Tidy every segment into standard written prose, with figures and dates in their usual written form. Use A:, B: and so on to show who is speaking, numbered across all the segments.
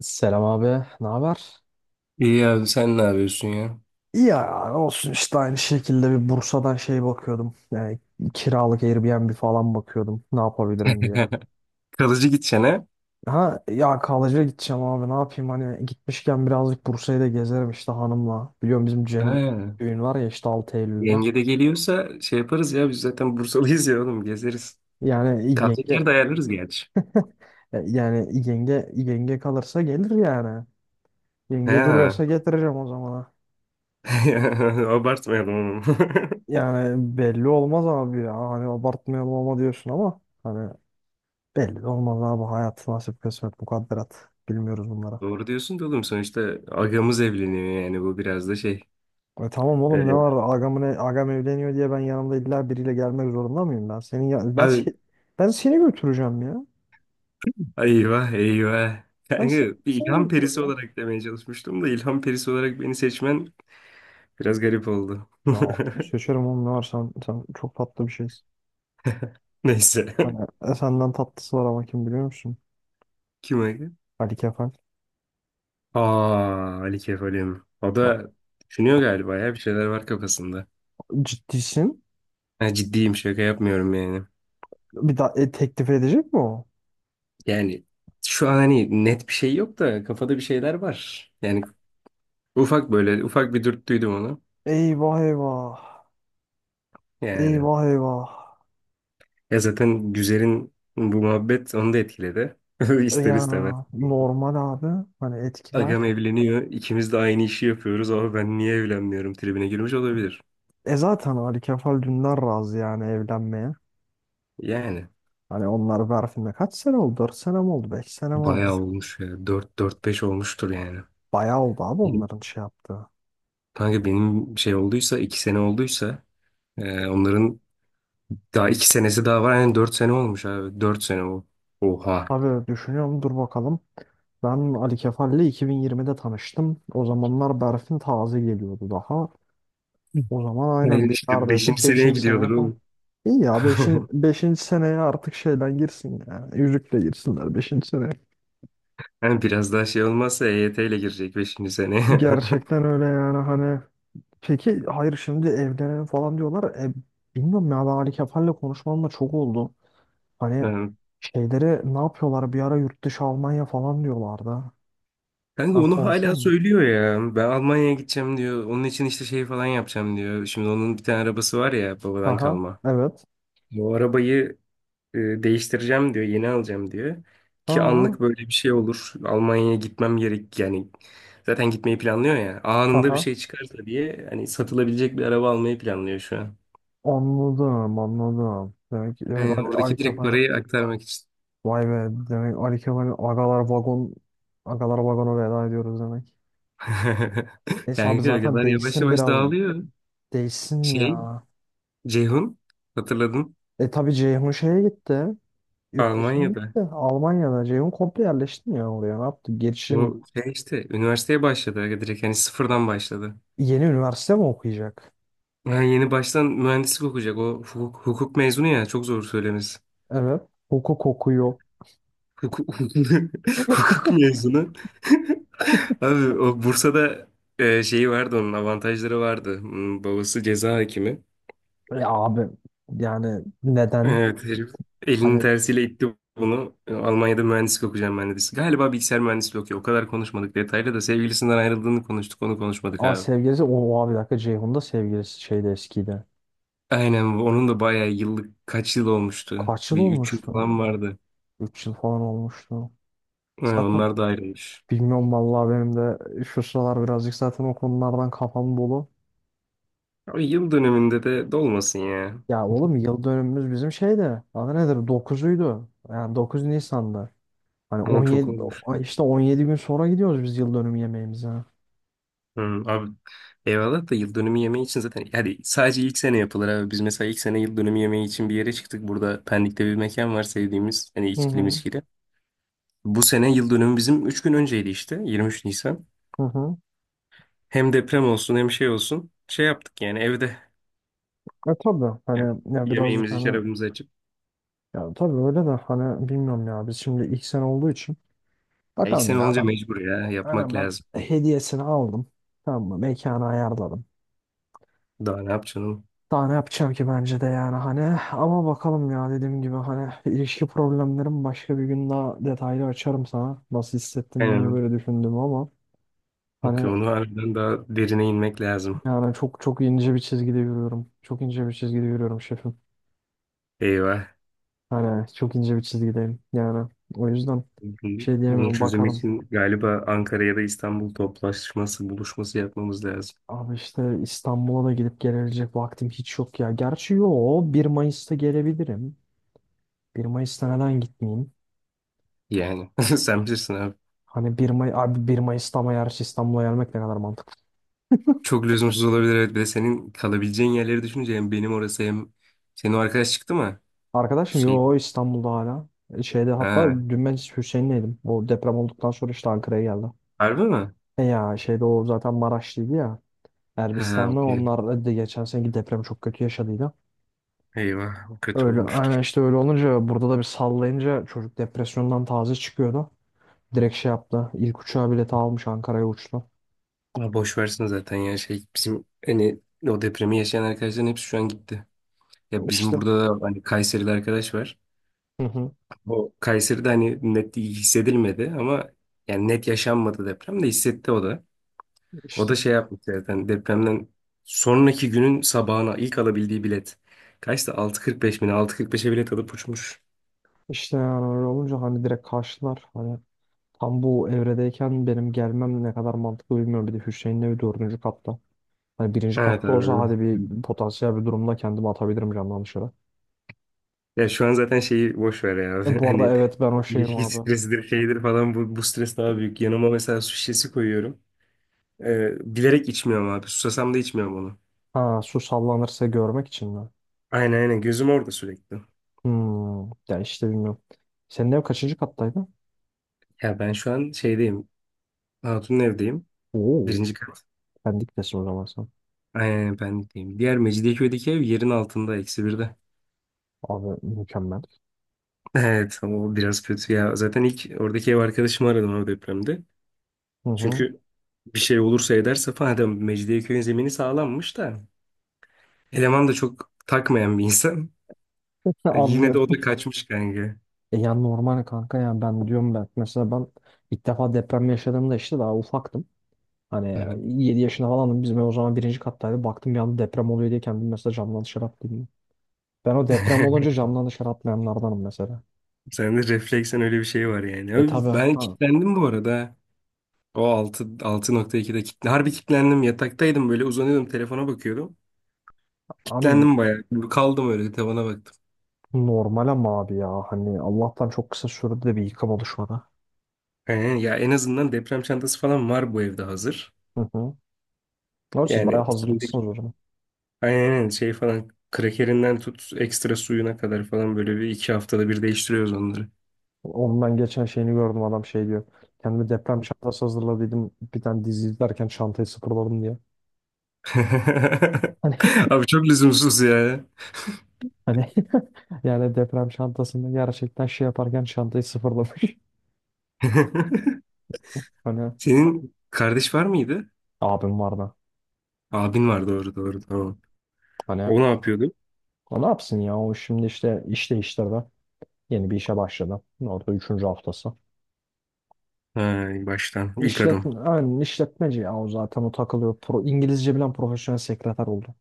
A: Selam abi, ne haber?
B: İyi abi, sen ne yapıyorsun ya?
A: Ya olsun işte aynı şekilde bir Bursa'dan bakıyordum. Yani kiralık Airbnb falan bakıyordum, ne yapabilirim diye.
B: Kalıcı gideceğine.
A: Ha ya kalıcıya gideceğim abi, ne yapayım, hani gitmişken birazcık Bursa'yı da gezerim işte hanımla. Biliyorum bizim
B: Ha.
A: Cem'in
B: Ha.
A: düğün var ya işte 6 Eylül'de.
B: Yenge de geliyorsa şey yaparız ya, biz zaten Bursalıyız ya oğlum, gezeriz.
A: Yani
B: Kalacak yer
A: yenge
B: de ayarlarız gerçi.
A: e, yani yenge kalırsa gelir yani. Yenge
B: Ha.
A: duruyorsa getireceğim o zamana.
B: Abartmayalım onu.
A: Yani belli olmaz abi ya. Hani abartmayalım ama diyorsun ama hani belli de olmaz abi, hayat nasip kısmet mukadderat. Bilmiyoruz bunlara.
B: Doğru diyorsun da oğlum, sonuçta agamız evleniyor yani, bu biraz da şey.
A: E tamam oğlum, ne
B: Ee,
A: var agam, agam evleniyor diye ben yanımda illa biriyle gelmek zorunda mıyım ben? Senin ya, ben,
B: abi
A: se- Ben seni götüreceğim ya.
B: eyvah eyvah.
A: Ben
B: Yani
A: seni,
B: bir
A: seni
B: ilham perisi
A: götüreceğim.
B: olarak demeye çalışmıştım da, ilham perisi olarak beni seçmen biraz garip oldu.
A: Ya seçerim oğlum, ne var, sen çok tatlı bir şeysin.
B: Neyse.
A: Senden tatlısı var ama, kim biliyor musun?
B: Kim? Kime?
A: Ali Kefal.
B: Aa, Ali Kefalim. O
A: Bak,
B: da düşünüyor galiba ya, bir şeyler var kafasında.
A: ciddisin.
B: Ha, ciddiyim, şaka yapmıyorum yani.
A: Bir daha teklif edecek mi o?
B: Yani şu an hani net bir şey yok da, kafada bir şeyler var. Yani ufak, böyle ufak bir dürttüydüm onu.
A: Eyvah eyvah.
B: Yani
A: Eyvah eyvah.
B: ya zaten Güzel'in bu muhabbet onu da etkiledi. İster
A: Ya
B: istemez.
A: normal abi. Hani etkiler.
B: Agam evleniyor, ikimiz de aynı işi yapıyoruz ama ben niye evlenmiyorum tribine girmiş olabilir.
A: E zaten Ali Kefal Dündar razı yani evlenmeye.
B: Yani
A: Hani onlar Berfin'le kaç sene oldu? 4 sene mi oldu, 5 sene mi
B: bayağı
A: oldu?
B: olmuş ya. Dört, dört beş olmuştur yani.
A: Bayağı oldu abi onların şey yaptığı.
B: Kanka benim şey olduysa, iki sene olduysa, onların daha iki senesi daha var. Yani dört sene olmuş abi. Dört sene o. Oha.
A: Abi düşünüyorum, dur bakalım. Ben Ali Kefal'le 2020'de tanıştım. O zamanlar Berfin taze geliyordu daha. O zaman aynen
B: Yani
A: bir
B: işte
A: neredeyse
B: beşinci seneye
A: beşinci seneye
B: gidiyorlar
A: falan.
B: oğlum.
A: İyi ya, beşinci beşinci seneye artık şeyden girsin yani. Yüzükle girsinler beşinci seneye.
B: Yani biraz daha şey olmazsa EYT ile girecek beşinci seneye.
A: Gerçekten öyle yani hani. Peki hayır, şimdi evlenelim falan diyorlar. Bilmiyorum ya, ben Ali Kefal'le konuşmamla çok oldu. Hani
B: Yani
A: şeyleri ne yapıyorlar, bir ara yurt dışı Almanya falan diyorlardı.
B: kanka
A: Ben
B: onu
A: konuşuyor
B: hala
A: muyum?
B: söylüyor ya. Ben Almanya'ya gideceğim diyor. Onun için işte şey falan yapacağım diyor. Şimdi onun bir tane arabası var ya, babadan
A: Aha
B: kalma.
A: evet.
B: Bu arabayı E, değiştireceğim diyor, yeni alacağım diyor. Ki
A: Ha,
B: anlık böyle bir şey olur, Almanya'ya gitmem gerek yani, zaten gitmeyi planlıyor ya. Anında bir
A: aha
B: şey çıkarsa diye hani satılabilecek bir araba almayı planlıyor şu an.
A: Anladım anladım. Demek
B: Yani
A: Ali, Ali
B: oradaki direkt
A: Kefal,
B: parayı aktarmak için.
A: vay be, demek Ali Kefal agalar vagonu, veda ediyoruz demek. Neyse abi,
B: Kanka o
A: zaten
B: kadar yavaş
A: değişsin
B: yavaş
A: biraz
B: dağılıyor.
A: değişsin
B: Şey,
A: ya.
B: Ceyhun, hatırladın,
A: E tabii Ceyhun şeye gitti. Yurt dışına
B: Almanya'da.
A: gitti. Almanya'da. Ceyhun komple yerleşti mi ya oraya? Ne yaptı? Gelişim mi?
B: O şey işte üniversiteye başladı. Aga, direkt hani sıfırdan başladı.
A: Yeni üniversite mi okuyacak?
B: Yani yeni baştan mühendislik okuyacak. O hukuk mezunu ya, çok zor söylemesi.
A: Evet. Hukuk okuyor.
B: Hukuk, hukuk mezunu. Abi, o Bursa'da şeyi vardı, onun avantajları vardı. Babası ceza hakimi.
A: Ya abi, yani neden?
B: Evet, herif elinin
A: Hani
B: tersiyle itti bunu. Almanya'da mühendislik okuyacağım ben dedi. Galiba bilgisayar mühendisliği okuyor. O kadar konuşmadık detaylı da, sevgilisinden ayrıldığını konuştuk, onu konuşmadık
A: a,
B: abi.
A: sevgilisi o, o abi, bir dakika, Ceyhun'da sevgilisi şeyde eskiydi.
B: Aynen bu. Onun da bayağı yıllık, kaç yıl olmuştu.
A: Kaç yıl
B: Bir üç yıl
A: olmuştu?
B: falan vardı.
A: 3 yıl falan olmuştu.
B: Ha,
A: Zaten
B: onlar da ayrılmış.
A: bilmiyorum vallahi, benim de şu sıralar birazcık zaten o konulardan kafam dolu.
B: Abi, yıl döneminde de dolmasın ya.
A: Ya oğlum, yıl dönümümüz bizim şeyde. Adı nedir? Dokuzuydu. Yani 9 Nisan'da. Hani
B: Ama çok
A: 17
B: olmuş.
A: işte 17 gün sonra gidiyoruz biz yıl dönümü yemeğimize. Hı
B: Abi eyvallah da, yıl dönümü yemeği için zaten hadi sadece ilk sene yapılır abi. Biz mesela ilk sene yıl dönümü yemeği için bir yere çıktık. Burada Pendik'te bir mekan var sevdiğimiz, hani içkili
A: hı.
B: miskili. Bu sene yıl dönümü bizim 3 gün önceydi, işte 23 Nisan.
A: Hı hı.
B: Hem deprem olsun hem şey olsun şey yaptık yani evde,
A: E tabii
B: yani
A: hani ya birazcık
B: yemeğimizi
A: hani,
B: şarabımızı açıp.
A: ya tabii öyle de hani bilmiyorum ya, biz şimdi ilk sene olduğu için
B: Ya ilk
A: bakalım
B: sene
A: ya.
B: olunca
A: ben
B: mecbur ya yapmak
A: aynen ben
B: lazım.
A: hediyesini aldım, tamam mı, mekanı ayarladım,
B: Daha ne yapacaksın oğlum?
A: daha ne yapacağım ki, bence de yani hani. Ama bakalım ya, dediğim gibi hani ilişki problemlerim, başka bir gün daha detaylı açarım sana nasıl hissettim, niye
B: Aynen.
A: böyle düşündüm, ama
B: Okey,
A: hani.
B: onu harbiden daha derine inmek lazım.
A: Yani çok ince bir çizgide yürüyorum. Çok ince bir çizgide yürüyorum şefim.
B: Eyvah.
A: Hani çok ince bir çizgideyim. Yani o yüzden
B: Bunun
A: şey
B: bunun
A: diyemiyorum,
B: çözümü
A: bakalım.
B: için galiba Ankara ya da İstanbul toplaşması, buluşması yapmamız lazım.
A: Abi işte İstanbul'a da gidip gelebilecek vaktim hiç yok ya. Gerçi yo, bir Mayıs'ta gelebilirim. Bir Mayıs'ta neden gitmeyeyim?
B: Yani, sen bilirsin abi.
A: Hani bir May abi 1 Mayıs'ta, ama yarış İstanbul'a gelmek ne kadar mantıklı.
B: Çok lüzumsuz olabilir, evet. Bir de senin kalabileceğin yerleri düşününce, hem benim orası hem... Senin o arkadaş çıktı mı?
A: Arkadaşım yo
B: Hüseyin.
A: İstanbul'da hala. Şeyde hatta
B: Ha,
A: dün ben Hüseyin'leydim. O deprem olduktan sonra işte Ankara'ya geldi.
B: harbi mi?
A: E ya şeyde o zaten Maraşlıydı ya.
B: Ha,
A: Erbistan'da,
B: okey.
A: onlar da geçen seneki depremi çok kötü yaşadıydı.
B: Eyvah, o kötü
A: Öyle
B: olmuştur.
A: yani, işte öyle olunca burada da bir sallayınca çocuk depresyondan taze çıkıyordu. Direkt şey yaptı, İlk uçağa bileti almış, Ankara'ya uçtu.
B: Ya boş versin zaten ya, şey bizim hani o depremi yaşayan arkadaşların hepsi şu an gitti. Ya bizim
A: İşte
B: burada da hani Kayserili arkadaş var.
A: hı hı,
B: Bu Kayseri'de hani net hissedilmedi ama, yani net yaşanmadı deprem de, hissetti o da. O
A: işte
B: da şey yapmış zaten, depremden sonraki günün sabahına ilk alabildiği bilet. Kaçtı? 6.45 mi? Ne? 6.45'e bilet alıp uçmuş.
A: işte yani öyle olunca hani direkt karşılar. Hani tam bu evredeyken benim gelmem ne kadar mantıklı bilmiyorum. Bir de Hüseyin'le bir 4. katta. Hani 1.
B: Evet
A: katta olsa
B: abi.
A: hadi, bir potansiyel bir durumda kendimi atabilirim camdan dışarı.
B: Ya şu an zaten şeyi boş ver ya abi.
A: Bu arada
B: Hani
A: evet, ben o şeyim
B: ilişki
A: abi.
B: stresidir şeydir falan, bu stres daha büyük. Yanıma mesela su şişesi koyuyorum. Bilerek içmiyorum abi. Susasam da içmiyorum onu.
A: Ha, su sallanırsa görmek için mi?
B: Aynen, aynen, gözüm orada sürekli.
A: Hmm, ya işte bilmiyorum. Senin ev kaçıncı kattaydı?
B: Ya ben şu an şeydeyim. Hatun'un evdeyim.
A: Oo,
B: Birinci kat.
A: Pendik'tesin o zaman sen.
B: Aynen, ben de diyeyim. Diğer Mecidiyeköy'deki ev yerin altında, eksi birde.
A: Abi mükemmel.
B: Evet, o biraz kötü ya. Zaten ilk oradaki ev arkadaşımı aradım o depremde.
A: Hı hı.
B: Çünkü bir şey olursa ederse falan, adam Mecidiyeköy'ün zemini sağlammış da. Eleman da çok takmayan bir insan. Yine de o da
A: Anlıyorum.
B: kaçmış kanka.
A: E ya normal kanka ya, ben diyorum ben. Mesela ilk defa deprem yaşadığımda işte daha ufaktım.
B: Hı
A: Hani
B: hı.
A: 7 yaşında falandım. Bizim ev o zaman 1. kattaydı. Baktım bir anda deprem oluyor diye, kendimi mesela camdan dışarı attım. Ben o deprem olunca camdan dışarı atlayanlardanım mesela.
B: Sende refleksen öyle bir şey var yani.
A: E tabi
B: Abi, ben
A: ha.
B: kilitlendim bu arada. O 6, 6.2'de kilitlendim. Harbi kilitlendim. Yataktaydım, böyle uzanıyordum, telefona bakıyordum.
A: Abi
B: Kilitlendim bayağı. Kaldım öyle, tavana baktım.
A: normal ama abi ya. Hani Allah'tan çok kısa sürede de bir yıkım oluşmadı.
B: Aynen ya, en azından deprem çantası falan var bu evde hazır.
A: Hı hı. Ama siz bayağı
B: Yani içindeki,
A: hazırlıklısınız o zaman.
B: aynen şey falan, krakerinden tut ekstra suyuna kadar falan, böyle bir iki haftada bir değiştiriyoruz onları.
A: Onun ben geçen şeyini gördüm, adam şey diyor: kendime deprem çantası hazırladıydım, bir tane dizi izlerken çantayı sıfırladım diye. Hani,
B: Abi çok lüzumsuz ya.
A: hani yani deprem çantasında gerçekten şey yaparken çantayı sıfırlamış. Hani
B: Senin kardeş var mıydı?
A: abim var da.
B: Abin var, doğru doğru, tamam.
A: Hani
B: O ne yapıyordu?
A: o ne yapsın ya, o şimdi işte iş değiştirdi. Yeni bir işe başladı. Orada 3. haftası.
B: Ha, baştan ilk adım.
A: İşletme, aynen işletmeci ya, o zaten o takılıyor. İngilizce bilen profesyonel sekreter oldu.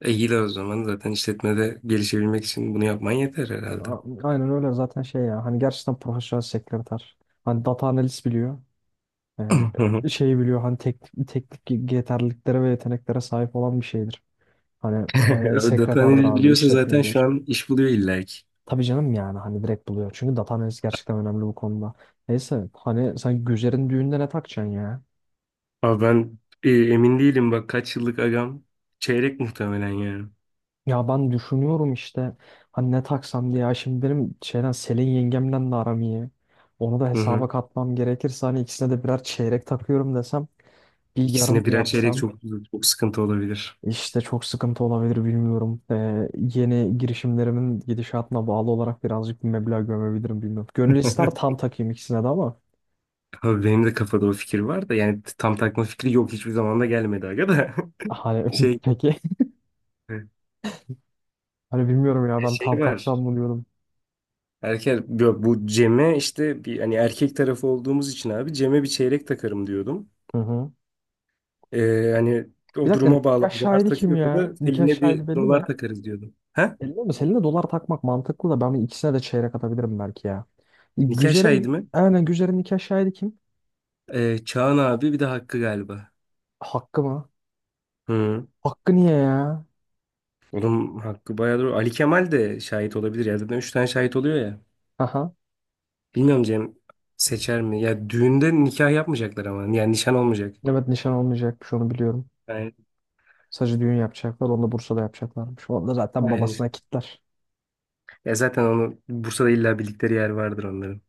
B: E, iyi de o zaman zaten işletmede gelişebilmek için bunu yapman yeter herhalde.
A: A- aynen öyle zaten şey ya, hani gerçekten profesyonel sekreter. Hani data analist biliyor. Şeyi biliyor hani, teknik yeterliliklere ve yeteneklere sahip olan bir şeydir. Hani
B: Abi, data
A: sekreterdir
B: analiz
A: abi,
B: biliyorsa zaten
A: işletmecidir.
B: şu an iş buluyor illa ki.
A: Tabii canım, yani hani direkt buluyor. Çünkü data analist gerçekten önemli bu konuda. Neyse, hani sen Güzer'in düğünde ne takacaksın ya?
B: Abi ben emin değilim, bak kaç yıllık agam, çeyrek muhtemelen yani.
A: Ya ben düşünüyorum işte, hani ne taksam diye. Ya şimdi benim şeyden Selin yengemle de aram iyi. Onu da
B: Hı hı.
A: hesaba katmam gerekirse hani, ikisine de birer çeyrek takıyorum desem, bir yarım mı
B: İkisine
A: Evet.
B: birer çeyrek
A: yapsam
B: çok çok sıkıntı olabilir.
A: işte çok sıkıntı olabilir bilmiyorum. Yeni girişimlerimin gidişatına bağlı olarak birazcık bir meblağ gömebilirim bilmiyorum. Gönül ister tam takayım ikisine de ama
B: Abi benim de kafada o fikir var da yani tam takma fikri yok, hiçbir zaman da gelmedi aga da.
A: hani.
B: Şey
A: Peki hani bilmiyorum ya,
B: e,
A: ben
B: şey
A: tam taksam
B: var.
A: mı diyorum.
B: Erkek bu Cem'e, işte bir, hani erkek tarafı olduğumuz için abi, Cem'e bir çeyrek takarım diyordum.
A: Hı hı.
B: Hani
A: Bir
B: o
A: dakika,
B: duruma bağlı,
A: nikah
B: agalar
A: şahidi kim
B: takıyorsa
A: ya?
B: da
A: Nikah
B: eline bir
A: şahidi belli mi?
B: dolar takarız diyordum. Ha?
A: Belli mi? Selin'e dolar takmak mantıklı da, ben ikisine de çeyrek atabilirim belki ya.
B: Nikah şahidi mi?
A: Güzer'in nikah şahidi kim?
B: Çağan abi, bir de Hakkı galiba.
A: Hakkı mı?
B: Hı.
A: Hakkı niye ya?
B: Onun hakkı bayağı doğru. Ali Kemal de şahit olabilir ya. Zaten üç tane şahit oluyor ya.
A: Aha.
B: Bilmiyorum, Cem seçer mi? Ya düğünde nikah yapmayacaklar ama. Yani nişan olmayacak.
A: Evet, nişan olmayacakmış, onu biliyorum.
B: Yani,
A: Sadece düğün yapacaklar. Onu da Bursa'da yapacaklarmış. Onu da zaten
B: yani-
A: babasına kitler.
B: Ya zaten onu Bursa'da illa bildikleri yer vardır onların.